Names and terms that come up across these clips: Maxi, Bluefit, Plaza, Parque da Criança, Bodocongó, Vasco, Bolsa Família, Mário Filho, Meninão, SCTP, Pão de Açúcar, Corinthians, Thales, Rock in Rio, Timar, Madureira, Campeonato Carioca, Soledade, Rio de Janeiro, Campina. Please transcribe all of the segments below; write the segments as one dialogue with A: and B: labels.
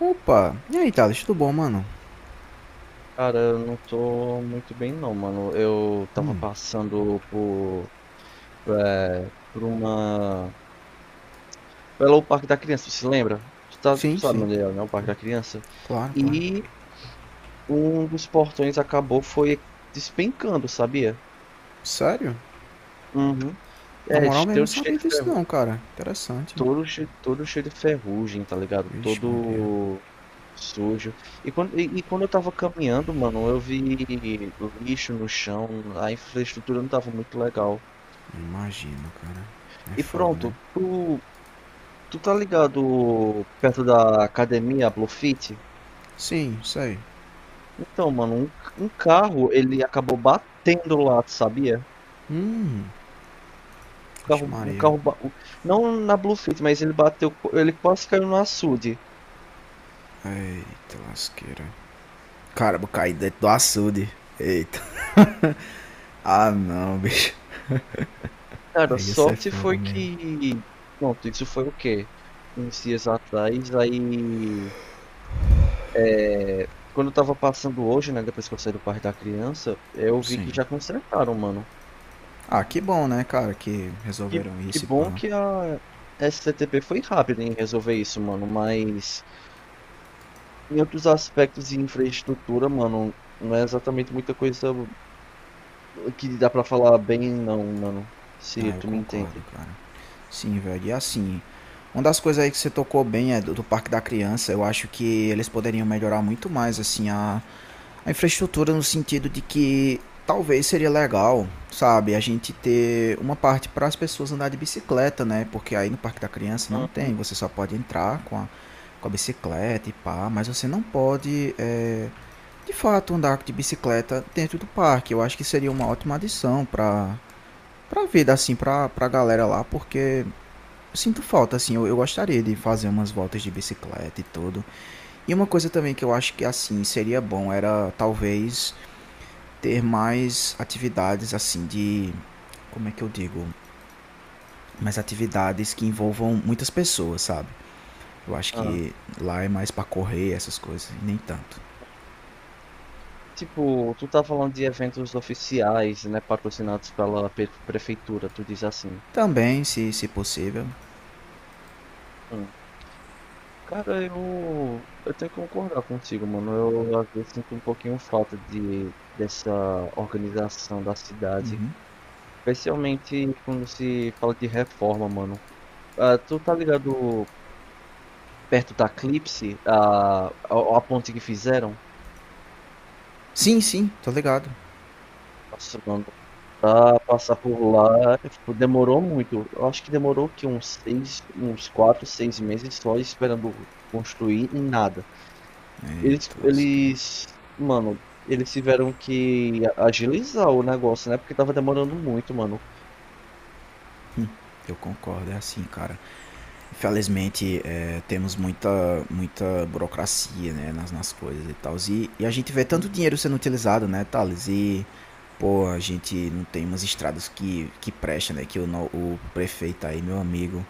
A: Opa, e aí, Thales, tudo bom, mano?
B: Cara, eu não tô muito bem não, mano. Eu tava
A: Hum,
B: passando por, por uma... Pelo Parque da Criança, se lembra? Tu
A: sim,
B: sabe
A: sim,
B: onde é, né? O Parque da Criança.
A: claro, claro.
B: E um dos portões acabou, foi despencando, sabia?
A: Sério?
B: Uhum.
A: Na
B: É,
A: moral mesmo, não
B: cheio
A: sabia
B: de
A: disso não,
B: ferrugem.
A: cara. Interessante.
B: Todo cheio de ferrugem, tá ligado?
A: Vixe, Maria,
B: Todo sujo. E quando eu tava caminhando, mano, eu vi lixo no chão. A infraestrutura não tava muito legal.
A: não imagino, cara. É
B: E
A: fogo,
B: pronto,
A: né?
B: tu tá ligado perto da academia Bluefit?
A: Sim, sei.
B: Então, mano, um carro, ele acabou batendo lá, tu sabia?
A: Hum, vixe,
B: Carro, um
A: Maria.
B: carro, ba- o- não na Bluefit, mas ele bateu, ele quase caiu no açude.
A: Eita, lasqueira. Caramba, caí dentro do açude. Eita. Ah, não, bicho.
B: Cara,
A: Aí ia ser
B: sorte
A: fogo
B: foi
A: mesmo.
B: que, pronto, isso foi o quê? Uns dias atrás, aí, é, quando eu tava passando hoje, né, depois que eu saí do Parque da Criança, eu vi
A: Sim.
B: que já consertaram, mano.
A: Ah, que bom, né, cara, que
B: Que,
A: resolveram
B: que
A: isso e
B: bom
A: pá.
B: que a SCTP foi rápida em resolver isso, mano, mas em outros aspectos de infraestrutura, mano, não é exatamente muita coisa que dá pra falar bem, não, mano, se
A: Ah, eu
B: tu me
A: concordo,
B: entende.
A: cara. Sim, velho. E assim, uma das coisas aí que você tocou bem é do Parque da Criança. Eu acho que eles poderiam melhorar muito mais, assim, a infraestrutura no sentido de que talvez seria legal, sabe, a gente ter uma parte para as pessoas andar de bicicleta, né? Porque aí no Parque da Criança não tem,
B: Uhum.
A: você só pode entrar com a, bicicleta e pá, mas você não pode, de fato, andar de bicicleta dentro do parque. Eu acho que seria uma ótima adição para para vida, assim, para a galera lá, porque eu sinto falta, assim, eu gostaria de fazer umas voltas de bicicleta e tudo. E uma coisa também que eu acho que, assim, seria bom era talvez ter mais atividades, assim, de. Como é que eu digo? Mais atividades que envolvam muitas pessoas, sabe? Eu acho
B: Ah.
A: que lá é mais pra correr, essas coisas, e nem tanto.
B: Tipo, tu tá falando de eventos oficiais, né, patrocinados pela prefeitura, tu diz assim.
A: Também, se possível.
B: Hum. Cara, eu tenho que concordar contigo, mano. Eu às vezes sinto um pouquinho falta de, dessa organização da cidade. Especialmente quando se fala de reforma, mano. Ah, tu tá ligado perto da eclipse a ponte que fizeram?
A: Sim, sim, tô ligado.
B: Nossa, mano, pra passar por lá tipo, demorou muito. Eu acho que demorou que uns quatro, seis meses só esperando construir e nada. Eles,
A: Eita,
B: eles, mano, eles tiveram que agilizar o negócio, né? Porque tava demorando muito, mano.
A: eu concordo, é assim, cara. Infelizmente, temos muita, muita burocracia, né, nas coisas e tal. E a gente vê tanto
B: Uhum.
A: dinheiro sendo utilizado, né, Thales? E, pô, a gente não tem umas estradas que prestam, né? Que o, no- o prefeito aí, meu amigo,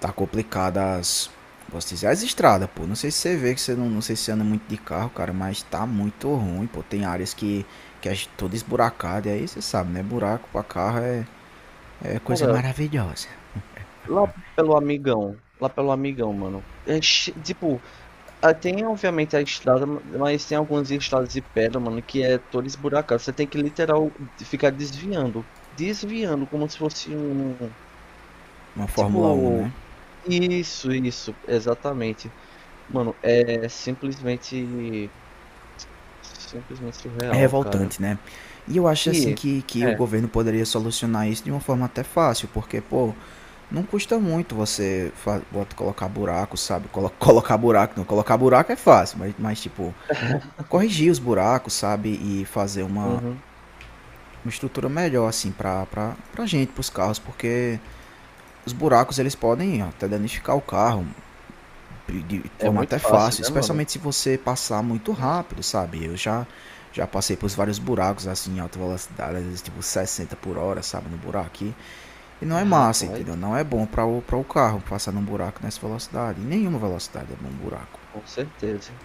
A: tá complicado as, posso dizer, as estradas, pô. Não sei se você vê, que você não, não sei se você anda muito de carro, cara, mas tá muito ruim, pô. Tem áreas que é toda esburacada, e aí você sabe, né? Buraco pra carro é coisa
B: Cara,
A: maravilhosa.
B: Lá lá pelo Amigão, mano. É tipo, ah, tem obviamente a estrada, mas tem algumas estradas de pedra, mano, que é toda esburacada. Você tem que ficar desviando como se fosse um,
A: Uma Fórmula um,
B: tipo,
A: né?
B: isso, exatamente. Mano, é simplesmente
A: É
B: surreal, cara.
A: revoltante, né? E eu acho assim
B: E
A: que o
B: é,
A: governo poderia solucionar isso de uma forma até fácil, porque, pô, não custa muito você colocar buraco, sabe? Colocar buraco, não, colocar buraco é fácil, mas tipo, corrigir os buracos, sabe? E fazer uma,
B: uhum,
A: uma estrutura melhor, assim, pra gente, pros carros, porque os buracos eles podem até danificar o carro, de
B: é
A: forma até
B: muito fácil,
A: fácil,
B: né, mano?
A: especialmente se você passar muito rápido, sabe? Eu já passei por vários buracos assim em alta velocidade, às vezes tipo 60 por hora, sabe, no buraco aqui. E não
B: É,
A: é massa,
B: rapaz,
A: entendeu? Não é bom para o carro passar num buraco nessa velocidade. Nenhuma velocidade é bom um buraco.
B: com certeza.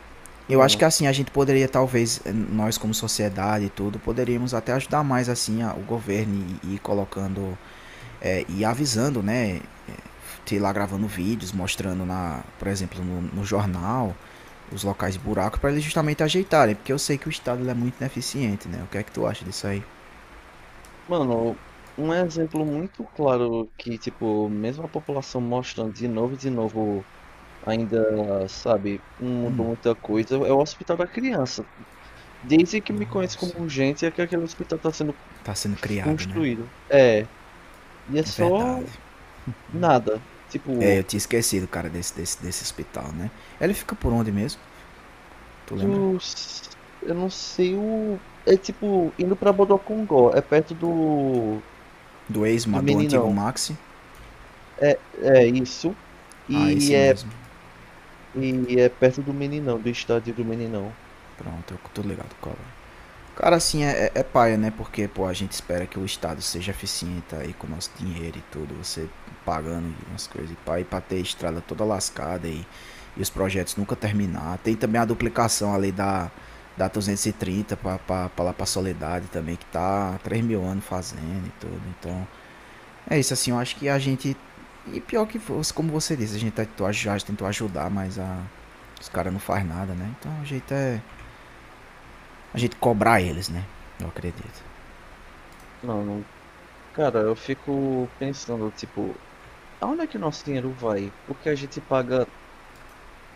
A: Eu acho que
B: Mano,
A: assim a gente poderia talvez nós como sociedade e tudo poderíamos até ajudar mais assim a, o governo e ir colocando e avisando, né, sei lá, gravando vídeos, mostrando, na, por exemplo, no jornal, os locais de buraco, para eles justamente ajeitarem, porque eu sei que o Estado é muito ineficiente, né? O que é que tu acha disso aí?
B: Mano, um exemplo muito claro que, tipo, mesmo a população mostrando de novo, ainda, sabe, não mudou muita coisa, é o Hospital da Criança. Desde que me conheço como
A: Nossa.
B: urgente, é que aquele hospital tá sendo
A: Tá sendo criado, né?
B: construído. É, e é
A: É
B: só
A: verdade.
B: nada.
A: É, eu
B: Tipo,
A: tinha esquecido, cara, desse hospital, né? Ele fica por onde mesmo? Tu lembra?
B: tu, eu não sei o. É tipo, indo pra Bodocongó, é perto do.
A: Do ex,
B: Do
A: do antigo
B: Meninão.
A: Maxi?
B: É, é isso.
A: Ah,
B: E
A: esse
B: é
A: mesmo.
B: E é perto do Meninão, do estádio do Meninão.
A: Pronto, eu tô ligado, cola. Cara, assim, é, é paia, né? Porque, pô, a gente espera que o Estado seja eficiente aí com o nosso dinheiro e tudo, você pagando e umas coisas e pá, e pra ter estrada toda lascada e os projetos nunca terminar. Tem também a duplicação ali da 230 pra lá pra Soledade também, que tá há 3 mil anos fazendo e tudo. Então, é isso, assim, eu acho que a gente. E pior que, fosse, como você disse, a gente tentou, tentou ajudar, mas a, os caras não faz nada, né? Então, o jeito é a gente cobrar eles, né? Eu acredito.
B: Não, não. Cara, eu fico pensando, tipo, aonde é que o nosso dinheiro vai? Porque a gente paga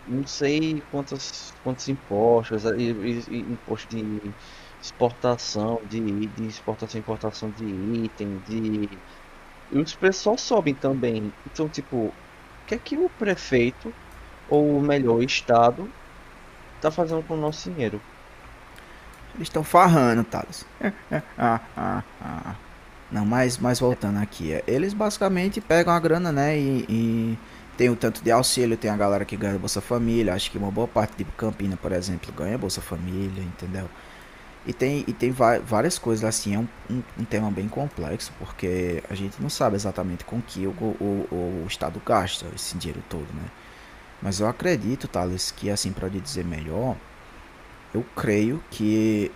B: não sei quantos, quantos impostos, e imposto exportação, de, de exportação e importação de item, de. E os preços só sobem também. Então, tipo, o que é que o prefeito, ou melhor, o Estado, tá fazendo com o nosso dinheiro?
A: Eles estão farrando, Thales. Ah, ah. Não, mas voltando aqui. Eles basicamente pegam a grana, né? E tem o tanto de auxílio, tem a galera que ganha Bolsa Família. Acho que uma boa parte de Campina, por exemplo, ganha Bolsa Família, entendeu? E tem várias coisas assim. É um tema bem complexo, porque a gente não sabe exatamente com que o Estado gasta esse dinheiro todo, né? Mas eu acredito, Thales, que assim, para dizer melhor, eu creio que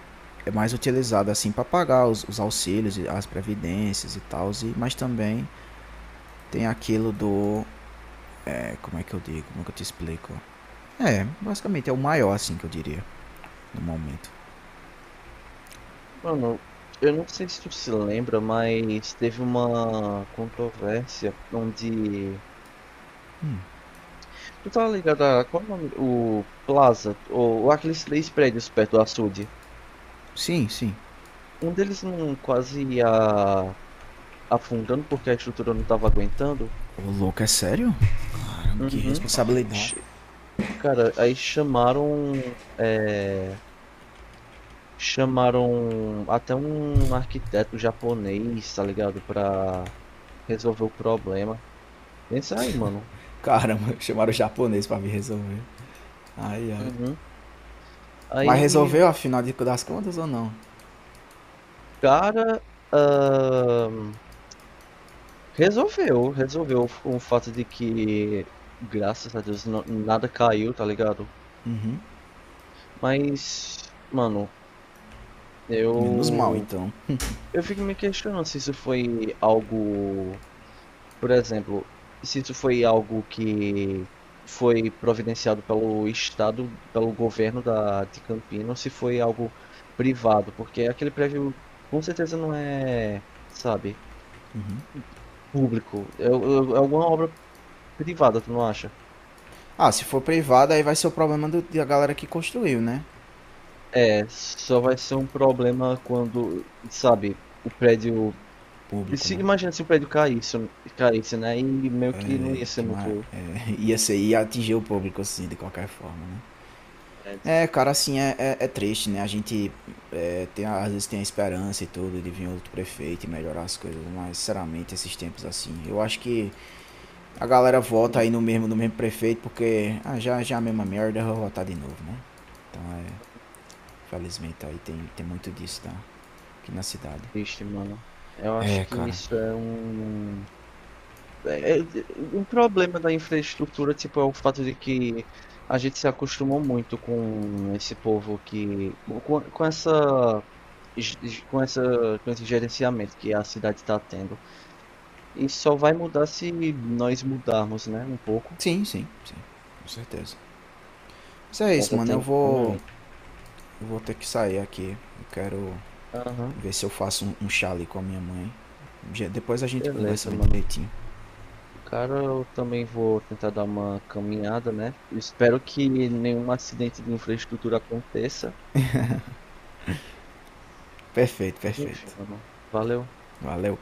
A: é mais utilizado assim para pagar os auxílios, as previdências e tal, mas também tem aquilo do. Como é que eu digo? Como é que eu te explico? É, basicamente é o maior assim que eu diria no momento.
B: Mano, eu não sei se tu se lembra, mas teve uma controvérsia onde.
A: Hum,
B: Tu tá ligado a qual o nome? O Plaza, ou, aqueles três prédios perto do açude.
A: sim, sim.
B: Um deles não quase ia afundando porque a estrutura não tava aguentando.
A: Ô louco, é sério? Caramba, que
B: Uhum.
A: responsabilidade.
B: Ch- Cara, aí chamaram. é, Chamaram até um arquiteto japonês, tá ligado? Pra resolver o problema. Pensa aí, mano.
A: Caramba, chamaram o japonês pra me resolver. Ai, ai.
B: Uhum.
A: Mas
B: Aí
A: resolveu afinal das contas ou não?
B: cara, hã, resolveu com o fato de que, graças a Deus, na nada caiu, tá ligado. Mas, mano,
A: Menos mal
B: eu
A: então.
B: eu fico me questionando se isso foi algo, por exemplo, se isso foi algo que foi providenciado pelo estado, pelo governo da de Campinas, ou se foi algo privado, porque aquele prédio com certeza não é, sabe,
A: Uhum.
B: público. É alguma obra privada, tu não acha?
A: Ah, se for privado, aí vai ser o problema da galera que construiu, né?
B: É, só vai ser um problema quando, sabe, o prédio.
A: Público, né?
B: Imagina se o prédio caísse, né? E meio que não ia ser muito
A: Ia ser, ia atingir o público assim, de qualquer forma, né?
B: prédio.
A: É, cara, assim, é triste, né? A gente tem, às vezes tem a esperança e tudo de vir outro prefeito e melhorar as coisas, mas sinceramente, esses tempos assim, eu acho que a galera vota
B: Hum,
A: aí no mesmo prefeito porque ah, já, já é a mesma merda, eu vou votar de novo, né? Então felizmente aí tem muito disso, tá? Aqui na cidade.
B: triste, mano. Eu acho
A: É,
B: que
A: cara.
B: isso é um. É, o problema da infraestrutura, tipo, é o fato de que a gente se acostumou muito com esse povo que. Com essa. Com essa, com esse gerenciamento que a cidade está tendo. E só vai mudar se nós mudarmos, né, um pouco.
A: Sim, sim, sim, com certeza. Mas é
B: Mas
A: isso, mano,
B: até
A: eu
B: então, meu
A: vou,
B: amigo.
A: eu vou ter que sair aqui, eu quero
B: Aham,
A: ver se eu faço um chá ali com a minha mãe. Depois a gente conversa
B: beleza,
A: mais
B: mano.
A: direitinho.
B: Cara, eu também vou tentar dar uma caminhada, né? Eu espero que nenhum acidente de infraestrutura aconteça.
A: Perfeito,
B: Mas enfim,
A: perfeito.
B: mano. Valeu.
A: Valeu.